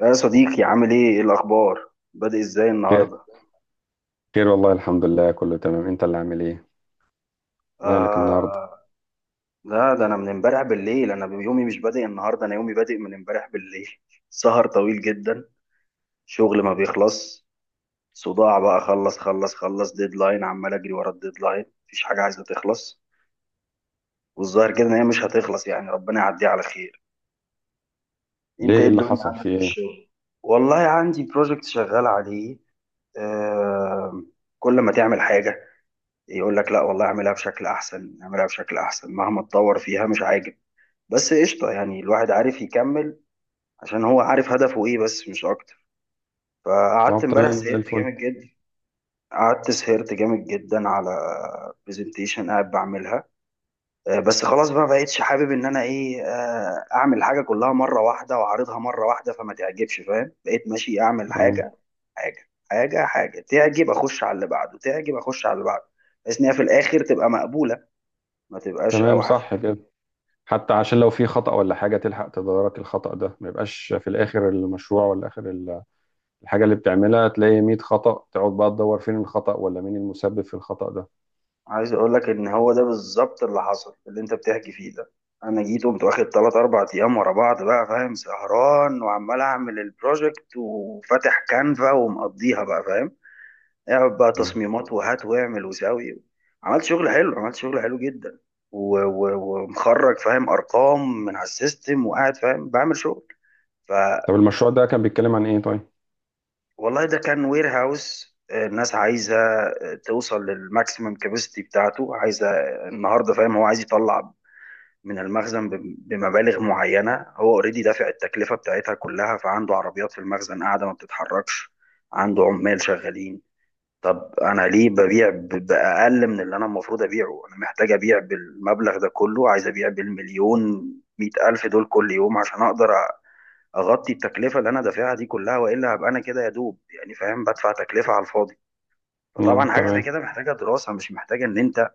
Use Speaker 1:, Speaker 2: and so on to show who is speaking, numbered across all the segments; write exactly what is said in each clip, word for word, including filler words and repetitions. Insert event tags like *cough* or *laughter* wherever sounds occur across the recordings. Speaker 1: يا صديقي، عامل ايه؟ ايه الاخبار؟ بادئ ازاي
Speaker 2: خير.
Speaker 1: النهارده؟
Speaker 2: خير، والله الحمد لله كله تمام. انت اللي عامل ايه؟ مالك النهارده؟
Speaker 1: آه، لا ده انا من امبارح بالليل. انا يومي مش بادئ النهارده، انا يومي بادئ من امبارح بالليل. *laughs* سهر طويل جدا. شغل ما بيخلص. صداع بقى. خلص خلص خلص ديدلاين، عمال اجري ورا الديدلاين، مفيش حاجه عايزه تخلص. والظاهر كده ان هي مش هتخلص، يعني ربنا يعديها على خير.
Speaker 2: ليه؟
Speaker 1: انت ايه
Speaker 2: ايه اللي
Speaker 1: الدنيا
Speaker 2: حصل؟ في
Speaker 1: عندك في
Speaker 2: ايه؟
Speaker 1: الشغل؟ والله عندي بروجكت شغال عليه، آه. كل ما تعمل حاجه يقول لك لا والله اعملها بشكل احسن، اعملها بشكل احسن. مهما اتطور فيها مش عاجب. بس قشطه، يعني الواحد عارف يكمل، عشان هو عارف هدفه ايه، بس مش اكتر. فقعدت
Speaker 2: طب
Speaker 1: امبارح
Speaker 2: تمام، زي
Speaker 1: سهرت
Speaker 2: الفل.
Speaker 1: جامد جدا. قعدت سهرت جامد جدا على برزنتيشن قاعد بعملها. آه، بس خلاص بقى بقيتش حابب ان انا ايه، آه، اعمل حاجه كلها مره واحده واعرضها مره واحده فما تعجبش، فاهم؟ بقيت ماشي اعمل
Speaker 2: اه،
Speaker 1: حاجه حاجه حاجه، حاجه تعجب اخش على اللي بعده، تعجب اخش على اللي بعده، بحيث ان هي في الاخر تبقى مقبوله، ما تبقاش
Speaker 2: تمام، صح
Speaker 1: اوحش.
Speaker 2: كده. حتى عشان لو في خطأ ولا حاجة تلحق تدارك الخطأ ده، ما يبقاش في الآخر المشروع ولا آخر ال- الحاجة اللي بتعملها تلاقي مية خطأ، تقعد بقى تدور فين الخطأ ولا مين المسبب في الخطأ ده.
Speaker 1: عايز اقول لك ان هو ده بالظبط اللي حصل، اللي انت بتحكي فيه ده. انا جيت قمت واخد ثلاثة 4 ايام ورا بعض، بقى فاهم، سهران وعمال اعمل البروجكت وفاتح كانفا ومقضيها، بقى فاهم، اقعد بقى
Speaker 2: مم.
Speaker 1: تصميمات وهات واعمل وساوي. عملت شغل حلو، عملت شغل حلو جدا. و- و- ومخرج فاهم ارقام من على السيستم وقاعد فاهم بعمل شغل.
Speaker 2: طب، المشروع ده كان بيتكلم عن ايه طيب؟
Speaker 1: والله ده كان وير هاوس، الناس عايزه آه، توصل للماكسيمم كاباسيتي بتاعته. عايزه النهارده، فاهم، هو عايز يطلع من المخزن بم- بمبالغ معينه. هو اوريدي دافع التكلفه بتاعتها كلها، فعنده عربيات في المخزن قاعده ما بتتحركش، عنده عمال شغالين. طب انا ليه ببيع ب- باقل من اللي انا المفروض ابيعه؟ انا محتاج ابيع بالمبلغ ده كله. عايز ابيع بالمليون، مئة ألف دول كل يوم، عشان أقدر اغطي التكلفه اللي انا دافعها دي كلها، والا هبقى انا كده يا دوب، يعني فاهم، بدفع تكلفه على الفاضي.
Speaker 2: امم
Speaker 1: فطبعا حاجه زي
Speaker 2: تمام.
Speaker 1: كده محتاجه دراسه، مش محتاجه ان انت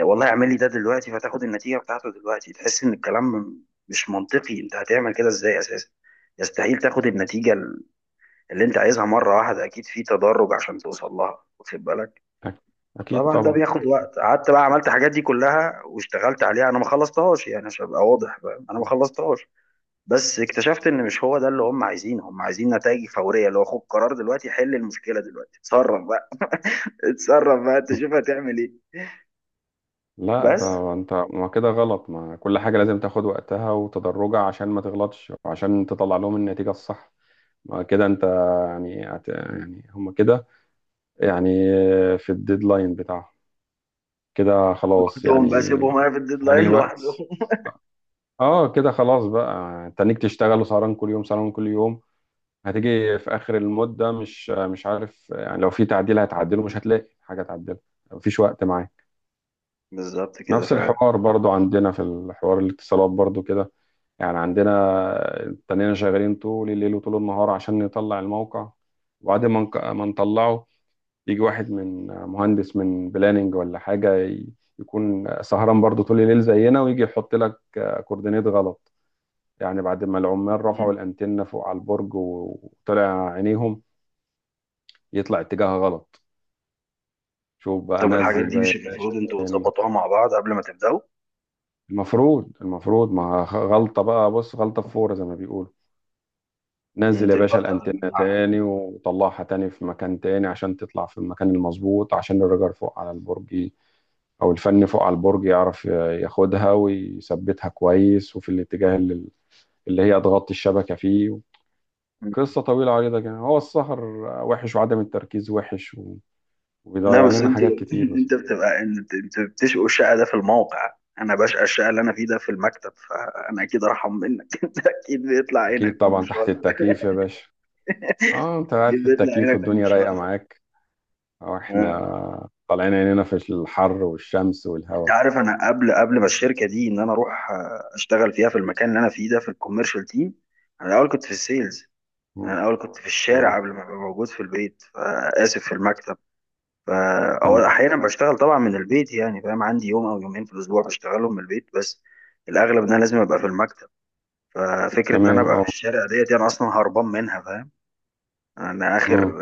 Speaker 1: والله اعمل لي ده دلوقتي فتاخد النتيجه بتاعته دلوقتي. تحس ان الكلام مش منطقي. انت هتعمل كده ازاي اساسا؟ يستحيل تاخد النتيجه اللي انت عايزها مره واحده. اكيد في تدرج عشان توصل لها، واخد بالك؟
Speaker 2: أك- أكيد
Speaker 1: طبعا ده
Speaker 2: طبعا
Speaker 1: بياخد
Speaker 2: أكيد.
Speaker 1: وقت. قعدت بقى عملت الحاجات دي كلها واشتغلت عليها. انا ما خلصتهاش يعني، عشان ابقى واضح بقى، انا ما
Speaker 2: مم.
Speaker 1: خلصتهاش. بس اكتشفت ان مش هو ده اللي هم عايزينه. هم عايزين نتائج فوريه، اللي هو خد قرار دلوقتي، حل المشكله دلوقتي، اتصرف بقى، اتصرف بقى، انت شوف هتعمل ايه.
Speaker 2: لا،
Speaker 1: بس
Speaker 2: ده انت ما كده غلط، ما كل حاجة لازم تاخد وقتها وتدرجها عشان ما تغلطش وعشان تطلع لهم النتيجة الصح. ما كده انت، يعني هت- يعني هم كده، يعني في الديدلاين بتاعهم كده خلاص
Speaker 1: لوحدهم
Speaker 2: يعني.
Speaker 1: بقى، سيبهم انا في
Speaker 2: في
Speaker 1: الديدلاين
Speaker 2: اي
Speaker 1: لوحدهم.
Speaker 2: وقت. اه، كده خلاص بقى، انت انك تشتغل سهران كل يوم، سهران كل يوم، هتيجي في اخر المدة مش مش عارف يعني، لو في تعديل هتعدله مش هتلاقي حاجة تعدله. مفيش وقت معاك.
Speaker 1: *laughs* بالظبط كده
Speaker 2: نفس
Speaker 1: فعلا.
Speaker 2: الحوار برضو عندنا في الحوار الاتصالات برضو كده. يعني عندنا تنينا شغالين طول الليل وطول النهار عشان نطلع الموقع، وبعد ما نك- ما نطلعه، يجي واحد من مهندس من بلاننج ولا حاجة، ي- يكون سهران برضو طول الليل زينا، ويجي يحط لك كوردينيت غلط. يعني بعد ما العمال رفعوا
Speaker 1: مم.
Speaker 2: الانتنة فوق على البرج و- وطلع عينيهم، يطلع اتجاهها غلط. شوف بقى،
Speaker 1: طب الحاجات
Speaker 2: نزل
Speaker 1: دي
Speaker 2: بقى يا
Speaker 1: مش المفروض
Speaker 2: باشا
Speaker 1: انتوا
Speaker 2: تاني.
Speaker 1: بتظبطوها مع بعض قبل ما تبداوا؟
Speaker 2: المفروض المفروض ما خ- غلطة بقى، بص، غلطة في فورة زي ما بيقولوا.
Speaker 1: مم،
Speaker 2: نزل يا
Speaker 1: دي
Speaker 2: باشا
Speaker 1: الغلطه اللي
Speaker 2: الأنتنة
Speaker 1: بتزعلها.
Speaker 2: تاني، وطلعها تاني في مكان تاني عشان تطلع في المكان المظبوط، عشان الرجل فوق على البرج. أو الفني فوق على البرج يعرف ي- ياخدها ويثبتها كويس، وفي الاتجاه اللي, اللي هي تغطي الشبكة فيه.
Speaker 1: مم.
Speaker 2: قصة طويلة عريضة كده. هو السهر وحش، وعدم التركيز وحش، و-
Speaker 1: لا
Speaker 2: وبيضيع
Speaker 1: بس
Speaker 2: لنا
Speaker 1: انتوا
Speaker 2: حاجات كتير،
Speaker 1: *laughs*
Speaker 2: بس.
Speaker 1: انت بتبقى انت، انت بتشقوا الشقه ده في الموقع، انا بشقى الشقه اللي انا فيه ده في المكتب، فانا اكيد ارحم منك. *laughs* انت اكيد بيطلع عينك
Speaker 2: أكيد
Speaker 1: في
Speaker 2: طبعا،
Speaker 1: المشوار
Speaker 2: تحت
Speaker 1: ده.
Speaker 2: التكييف يا باشا. اه، انت قاعد
Speaker 1: اكيد
Speaker 2: في
Speaker 1: بيطلع
Speaker 2: التكييف
Speaker 1: عينك في
Speaker 2: والدنيا
Speaker 1: المشوار
Speaker 2: رايقة
Speaker 1: ده.
Speaker 2: معاك. أو
Speaker 1: آه.
Speaker 2: إحنا طالعين عينينا في الحر والشمس
Speaker 1: انت
Speaker 2: والهواء.
Speaker 1: عارف انا قبل قبل ما الشركه دي ان انا اروح آه، اشتغل فيها في المكان اللي انا فيه ده في الكوميرشال تيم، انا الاول كنت في السيلز. انا
Speaker 2: مم.
Speaker 1: الاول كنت في الشارع
Speaker 2: تمام،
Speaker 1: قبل ما ابقى موجود في البيت، آه، اسف، في المكتب. فا- او
Speaker 2: تمام،
Speaker 1: احيانا بشتغل طبعا من البيت، يعني فاهم، عندي يوم او يومين في الاسبوع بشتغلهم من البيت، بس الاغلب ان انا لازم ابقى في المكتب. ففكره ان انا
Speaker 2: تمام،
Speaker 1: ابقى في
Speaker 2: أه.
Speaker 1: الشارع ديت دي انا اصلا هربان منها، فاهم. انا اخر،
Speaker 2: مم.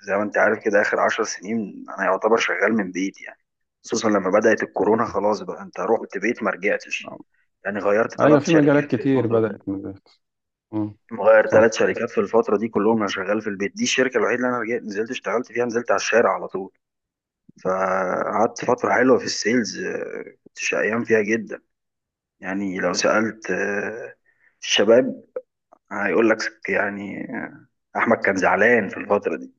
Speaker 1: زي ما انت عارف كده، اخر عشر سنين انا يعتبر شغال من بيت يعني. خصوصا لما بدأت الكورونا خلاص بقى انت رحت بيت ما رجعتش، يعني غيرت
Speaker 2: أيوة،
Speaker 1: ثلاث
Speaker 2: في مجالات
Speaker 1: شركات في
Speaker 2: كتير
Speaker 1: الفترة دي.
Speaker 2: بدأت من دلوقتي. مم.
Speaker 1: مغير ثلاث
Speaker 2: صح.
Speaker 1: شركات في الفترة دي كلهم انا شغال في البيت، دي الشركة الوحيدة اللي انا رجعت نزلت اشتغلت فيها، نزلت على الشارع على طول. فقعدت فترة حلوة في السيلز، آه، كنت شقيان فيها جدا، يعني لو سألت آه، الشباب هيقول لك يعني آه، احمد كان زعلان في الفترة دي،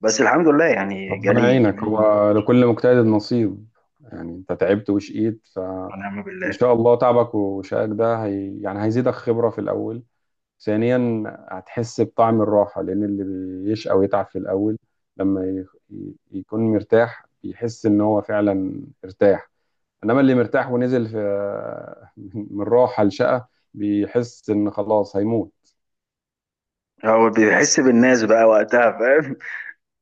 Speaker 1: بس الحمد لله يعني
Speaker 2: ربنا
Speaker 1: جالي
Speaker 2: يعينك،
Speaker 1: من
Speaker 2: هو
Speaker 1: بكر.
Speaker 2: لكل مجتهد نصيب. يعني أنت تعبت وشقيت،
Speaker 1: ونعم
Speaker 2: فإن
Speaker 1: بالله.
Speaker 2: شاء الله تعبك وشقاك ده هي... يعني هيزيدك خبرة في الأول. ثانيا، هتحس بطعم الراحة لأن اللي بيشقى ويتعب في الأول، لما ي... ي- يكون مرتاح بيحس إن هو فعلا ارتاح. انما اللي مرتاح ونزل في، *laughs* من راحه لشقه، بيحس ان خلاص هيموت.
Speaker 1: هو بيحس بالناس بقى وقتها، فاهم،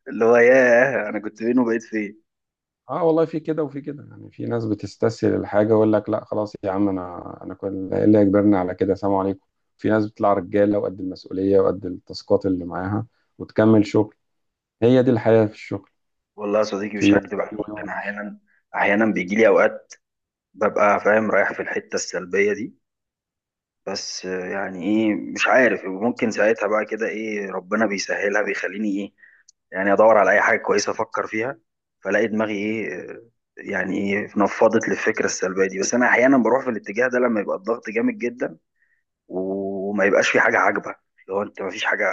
Speaker 1: اللي هو ياه انا كنت فين وبقيت فين.
Speaker 2: اه والله، في كده وفي كده يعني. في ناس بتستسهل الحاجه ويقول لك: لا خلاص يا عم، انا انا كل إيه اللي يجبرني على كده، سلام عليكم. في ناس بتطلع رجاله وقد المسؤوليه وقد التاسكات اللي معاها وتكمل شغل. هي دي الحياه في الشغل،
Speaker 1: والله يا صديقي
Speaker 2: في
Speaker 1: مش
Speaker 2: يوم
Speaker 1: هكدب
Speaker 2: حلو
Speaker 1: عليك،
Speaker 2: ويوم
Speaker 1: انا
Speaker 2: وحش.
Speaker 1: احيانا، احيانا بيجي لي اوقات ببقى فاهم رايح في الحته السلبيه دي، بس آه، يعني ايه، مش عارف، ممكن ساعتها بقى كده ايه ربنا بيسهلها بيخليني ايه، يعني ادور على اي حاجه كويسه افكر فيها فلاقي دماغي ايه آه، يعني ايه نفضت للفكره السلبيه دي. بس انا احيانا بروح في الاتجاه ده لما يبقى الضغط جامد جدا وما يبقاش في حاجه عاجبه، اللي هو انت ما فيش حاجه،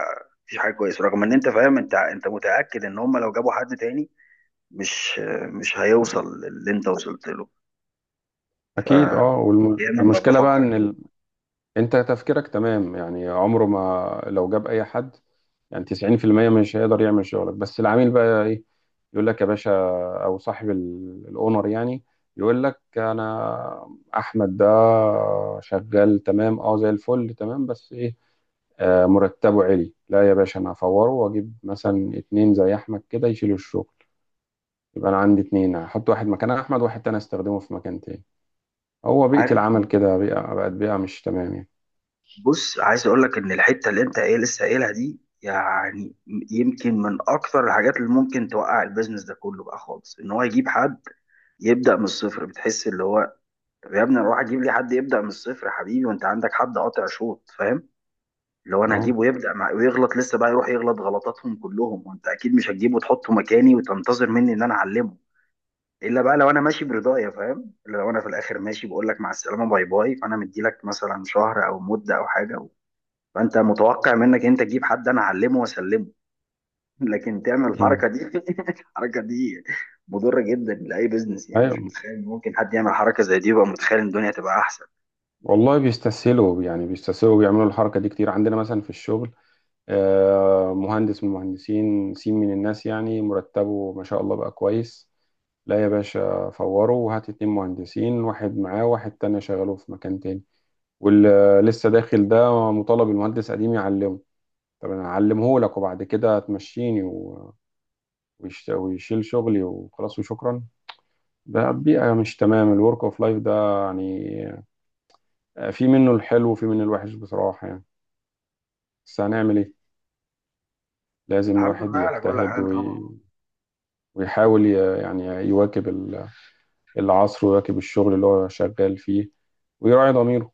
Speaker 1: مفيش حاجه كويسه، رغم ان انت فاهم انت، انت متاكد ان هم لو جابوا حد تاني مش مش هيوصل للي انت وصلت له.
Speaker 2: اكيد. اه،
Speaker 1: يعني انا ب-
Speaker 2: والمشكله بقى
Speaker 1: بفكر كده.
Speaker 2: ان انت تفكيرك تمام، يعني عمره ما لو جاب اي حد يعني تسعون في المئة مش هيقدر يعمل شغلك. بس العميل بقى ايه؟ يقول لك يا باشا، او صاحب ال- الاونر يعني، يقول لك: انا احمد ده شغال تمام، اه زي الفل تمام، بس ايه؟ آه، مرتبه عالي. لا يا باشا، انا هفوره واجيب مثلا اتنين زي احمد كده يشيلوا الشغل، يبقى انا عندي اتنين، هحط واحد مكان احمد وواحد تاني استخدمه في مكان تاني. هو بيئة
Speaker 1: عارف،
Speaker 2: العمل كده، بيئة بقت بيئة مش تمام يعني.
Speaker 1: بص عايز اقول لك ان الحته اللي انت ايه لسه قايلها دي، يعني يمكن من اكتر الحاجات اللي ممكن توقع البيزنس ده كله بقى خالص، ان هو يجيب حد يبدا من الصفر. بتحس اللي هو طب يا ابني روح اجيب لي حد يبدا من الصفر يا حبيبي وانت عندك حد قاطع شوط، فاهم. لو انا
Speaker 2: اه.
Speaker 1: هجيبه يبدا مع ويغلط لسه بقى يروح يغلط غلطاتهم كلهم، وانت اكيد مش هتجيبه وتحطه مكاني وتنتظر مني ان انا اعلمه، الا بقى لو انا ماشي برضايا فاهم، إلا لو انا في الاخر ماشي بقول لك مع السلامه باي باي، فانا مدي لك مثلا شهر او مده او حاجه و... فانت متوقع منك انت تجيب حد انا اعلمه واسلمه. *laughs* لكن تعمل
Speaker 2: مم.
Speaker 1: الحركه دي، *laughs* الحركه دي مضره جدا لاي بزنس. يعني مش
Speaker 2: ايوه،
Speaker 1: متخيل إن ممكن حد يعمل حركه زي دي ويبقى متخيل ان الدنيا تبقى احسن.
Speaker 2: والله بيستسهلوا. يعني بيستسهلوا بيعملوا الحركة دي كتير عندنا مثلا في الشغل. آه، مهندس من المهندسين، سين من الناس يعني، مرتبه ما شاء الله بقى كويس. لا يا باشا، فوره، وهات اتنين مهندسين، واحد معاه واحد تاني شغله في مكان تاني. واللي لسه داخل ده مطالب المهندس قديم يعلمه. طب انا هعلمه لك وبعد كده هتمشيني و- ويش- ويشيل شغلي وخلاص وشكرا. ده بيئة مش تمام الورك اوف لايف ده يعني. آه، في منه الحلو وفي منه الوحش بصراحة يعني. بس هنعمل ايه؟ لازم
Speaker 1: الحمد
Speaker 2: الواحد
Speaker 1: لله على كل
Speaker 2: يجتهد
Speaker 1: حال طبعا.
Speaker 2: وي- ويحاول ي- يعني يواكب ال- العصر، ويواكب الشغل اللي هو شغال فيه، ويراعي ضميره.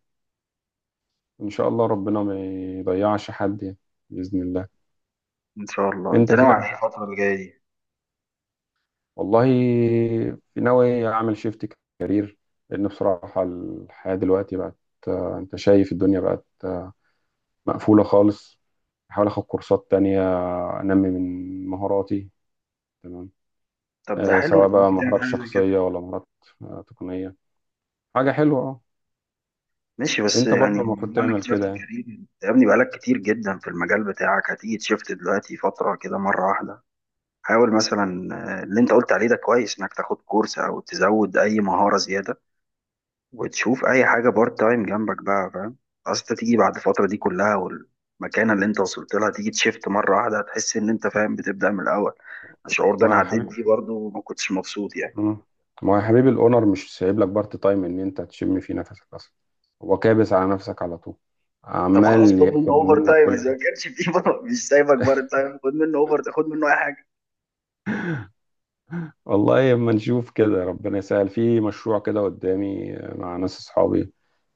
Speaker 2: ان شاء الله ربنا ما يضيعش حد يعني، باذن الله.
Speaker 1: ان شاء الله.
Speaker 2: انت
Speaker 1: انت ناوي
Speaker 2: كده.
Speaker 1: على ايه الفتره اللي جايه دي؟
Speaker 2: والله، في ناوي اعمل شيفت كارير، لان بصراحه الحياه دلوقتي بقت، انت شايف الدنيا بقت مقفوله خالص. احاول اخد كورسات تانية، انمي من مهاراتي. تمام.
Speaker 1: طب ده
Speaker 2: أه،
Speaker 1: حلو،
Speaker 2: سواء
Speaker 1: انت
Speaker 2: بقى
Speaker 1: ممكن تعمل
Speaker 2: مهارات
Speaker 1: حاجه زي
Speaker 2: شخصيه
Speaker 1: كده.
Speaker 2: ولا مهارات آه، تقنيه. حاجة حلوة، اه.
Speaker 1: ماشي، بس
Speaker 2: انت
Speaker 1: يعني
Speaker 2: برضه المفروض
Speaker 1: بما انك
Speaker 2: تعمل
Speaker 1: شفت
Speaker 2: كده يعني.
Speaker 1: كارير، يا ابني بقالك كتير جدا في المجال بتاعك، هتيجي تشفت دلوقتي فتره كده مره واحده؟ حاول مثلا، آه، اللي انت قلت عليه ده كويس، انك تاخد كورس او تزود اي مهاره زياده، وتشوف اي حاجه بارت تايم جنبك بقى، فاهم. اصل انت تيجي بعد الفتره دي كلها والمكانه اللي انت وصلت لها تيجي تشفت مره واحده، هتحس ان انت فاهم بتبدا من الاول. الشعور ده انا
Speaker 2: ما يا
Speaker 1: عديت
Speaker 2: حبيب
Speaker 1: بيه برضه وما كنتش مبسوط يعني.
Speaker 2: مم. ما يا حبيبي الاونر مش سايب لك بارت تايم ان انت تشم فيه نفسك اصلا. هو كابس على نفسك على طول،
Speaker 1: طب خلاص
Speaker 2: عمال
Speaker 1: خد منه
Speaker 2: ياخد
Speaker 1: اوفر
Speaker 2: منك
Speaker 1: تايم،
Speaker 2: كل
Speaker 1: اذا
Speaker 2: حاجة.
Speaker 1: ما كانش فيه بقى، مش سايبك بره تايم خد منه اوفر، خد منه اي حاجه.
Speaker 2: والله اما نشوف كده، ربنا يسهل. في مشروع كده قدامي مع ناس اصحابي،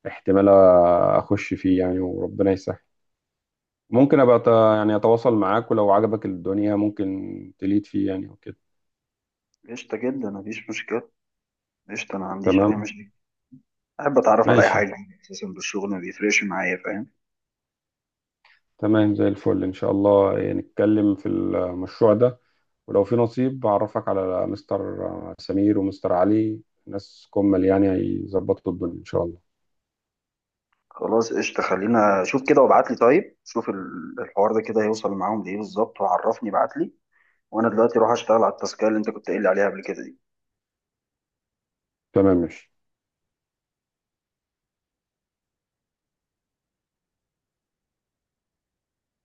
Speaker 2: احتمال اخش فيه يعني، وربنا يسهل. ممكن ابقى أت- يعني اتواصل معاك، ولو عجبك الدنيا ممكن تليد فيه يعني وكده.
Speaker 1: قشطه جدا، مفيش مشكله. قشطه، انا ما عنديش اي
Speaker 2: تمام،
Speaker 1: مشكله، احب اتعرف على اي
Speaker 2: ماشي.
Speaker 1: حاجه. اساسا بالشغل ما بيفرقش معايا، فاهم.
Speaker 2: تمام زي الفل إن شاء الله، إيه، نتكلم في المشروع ده. ولو في نصيب بعرفك على مستر سمير ومستر علي، ناس كمل يعني هيظبطوا الدنيا إن شاء الله.
Speaker 1: خلاص قشطه، خلينا شوف كده وابعت لي، طيب؟ شوف ال- الحوار ده كده هيوصل معاهم لايه بالظبط، وعرفني ابعت لي. وانا دلوقتي اروح اشتغل على التاسكيه اللي انت كنت قايل لي عليها قبل كده دي.
Speaker 2: تمام، ماشي.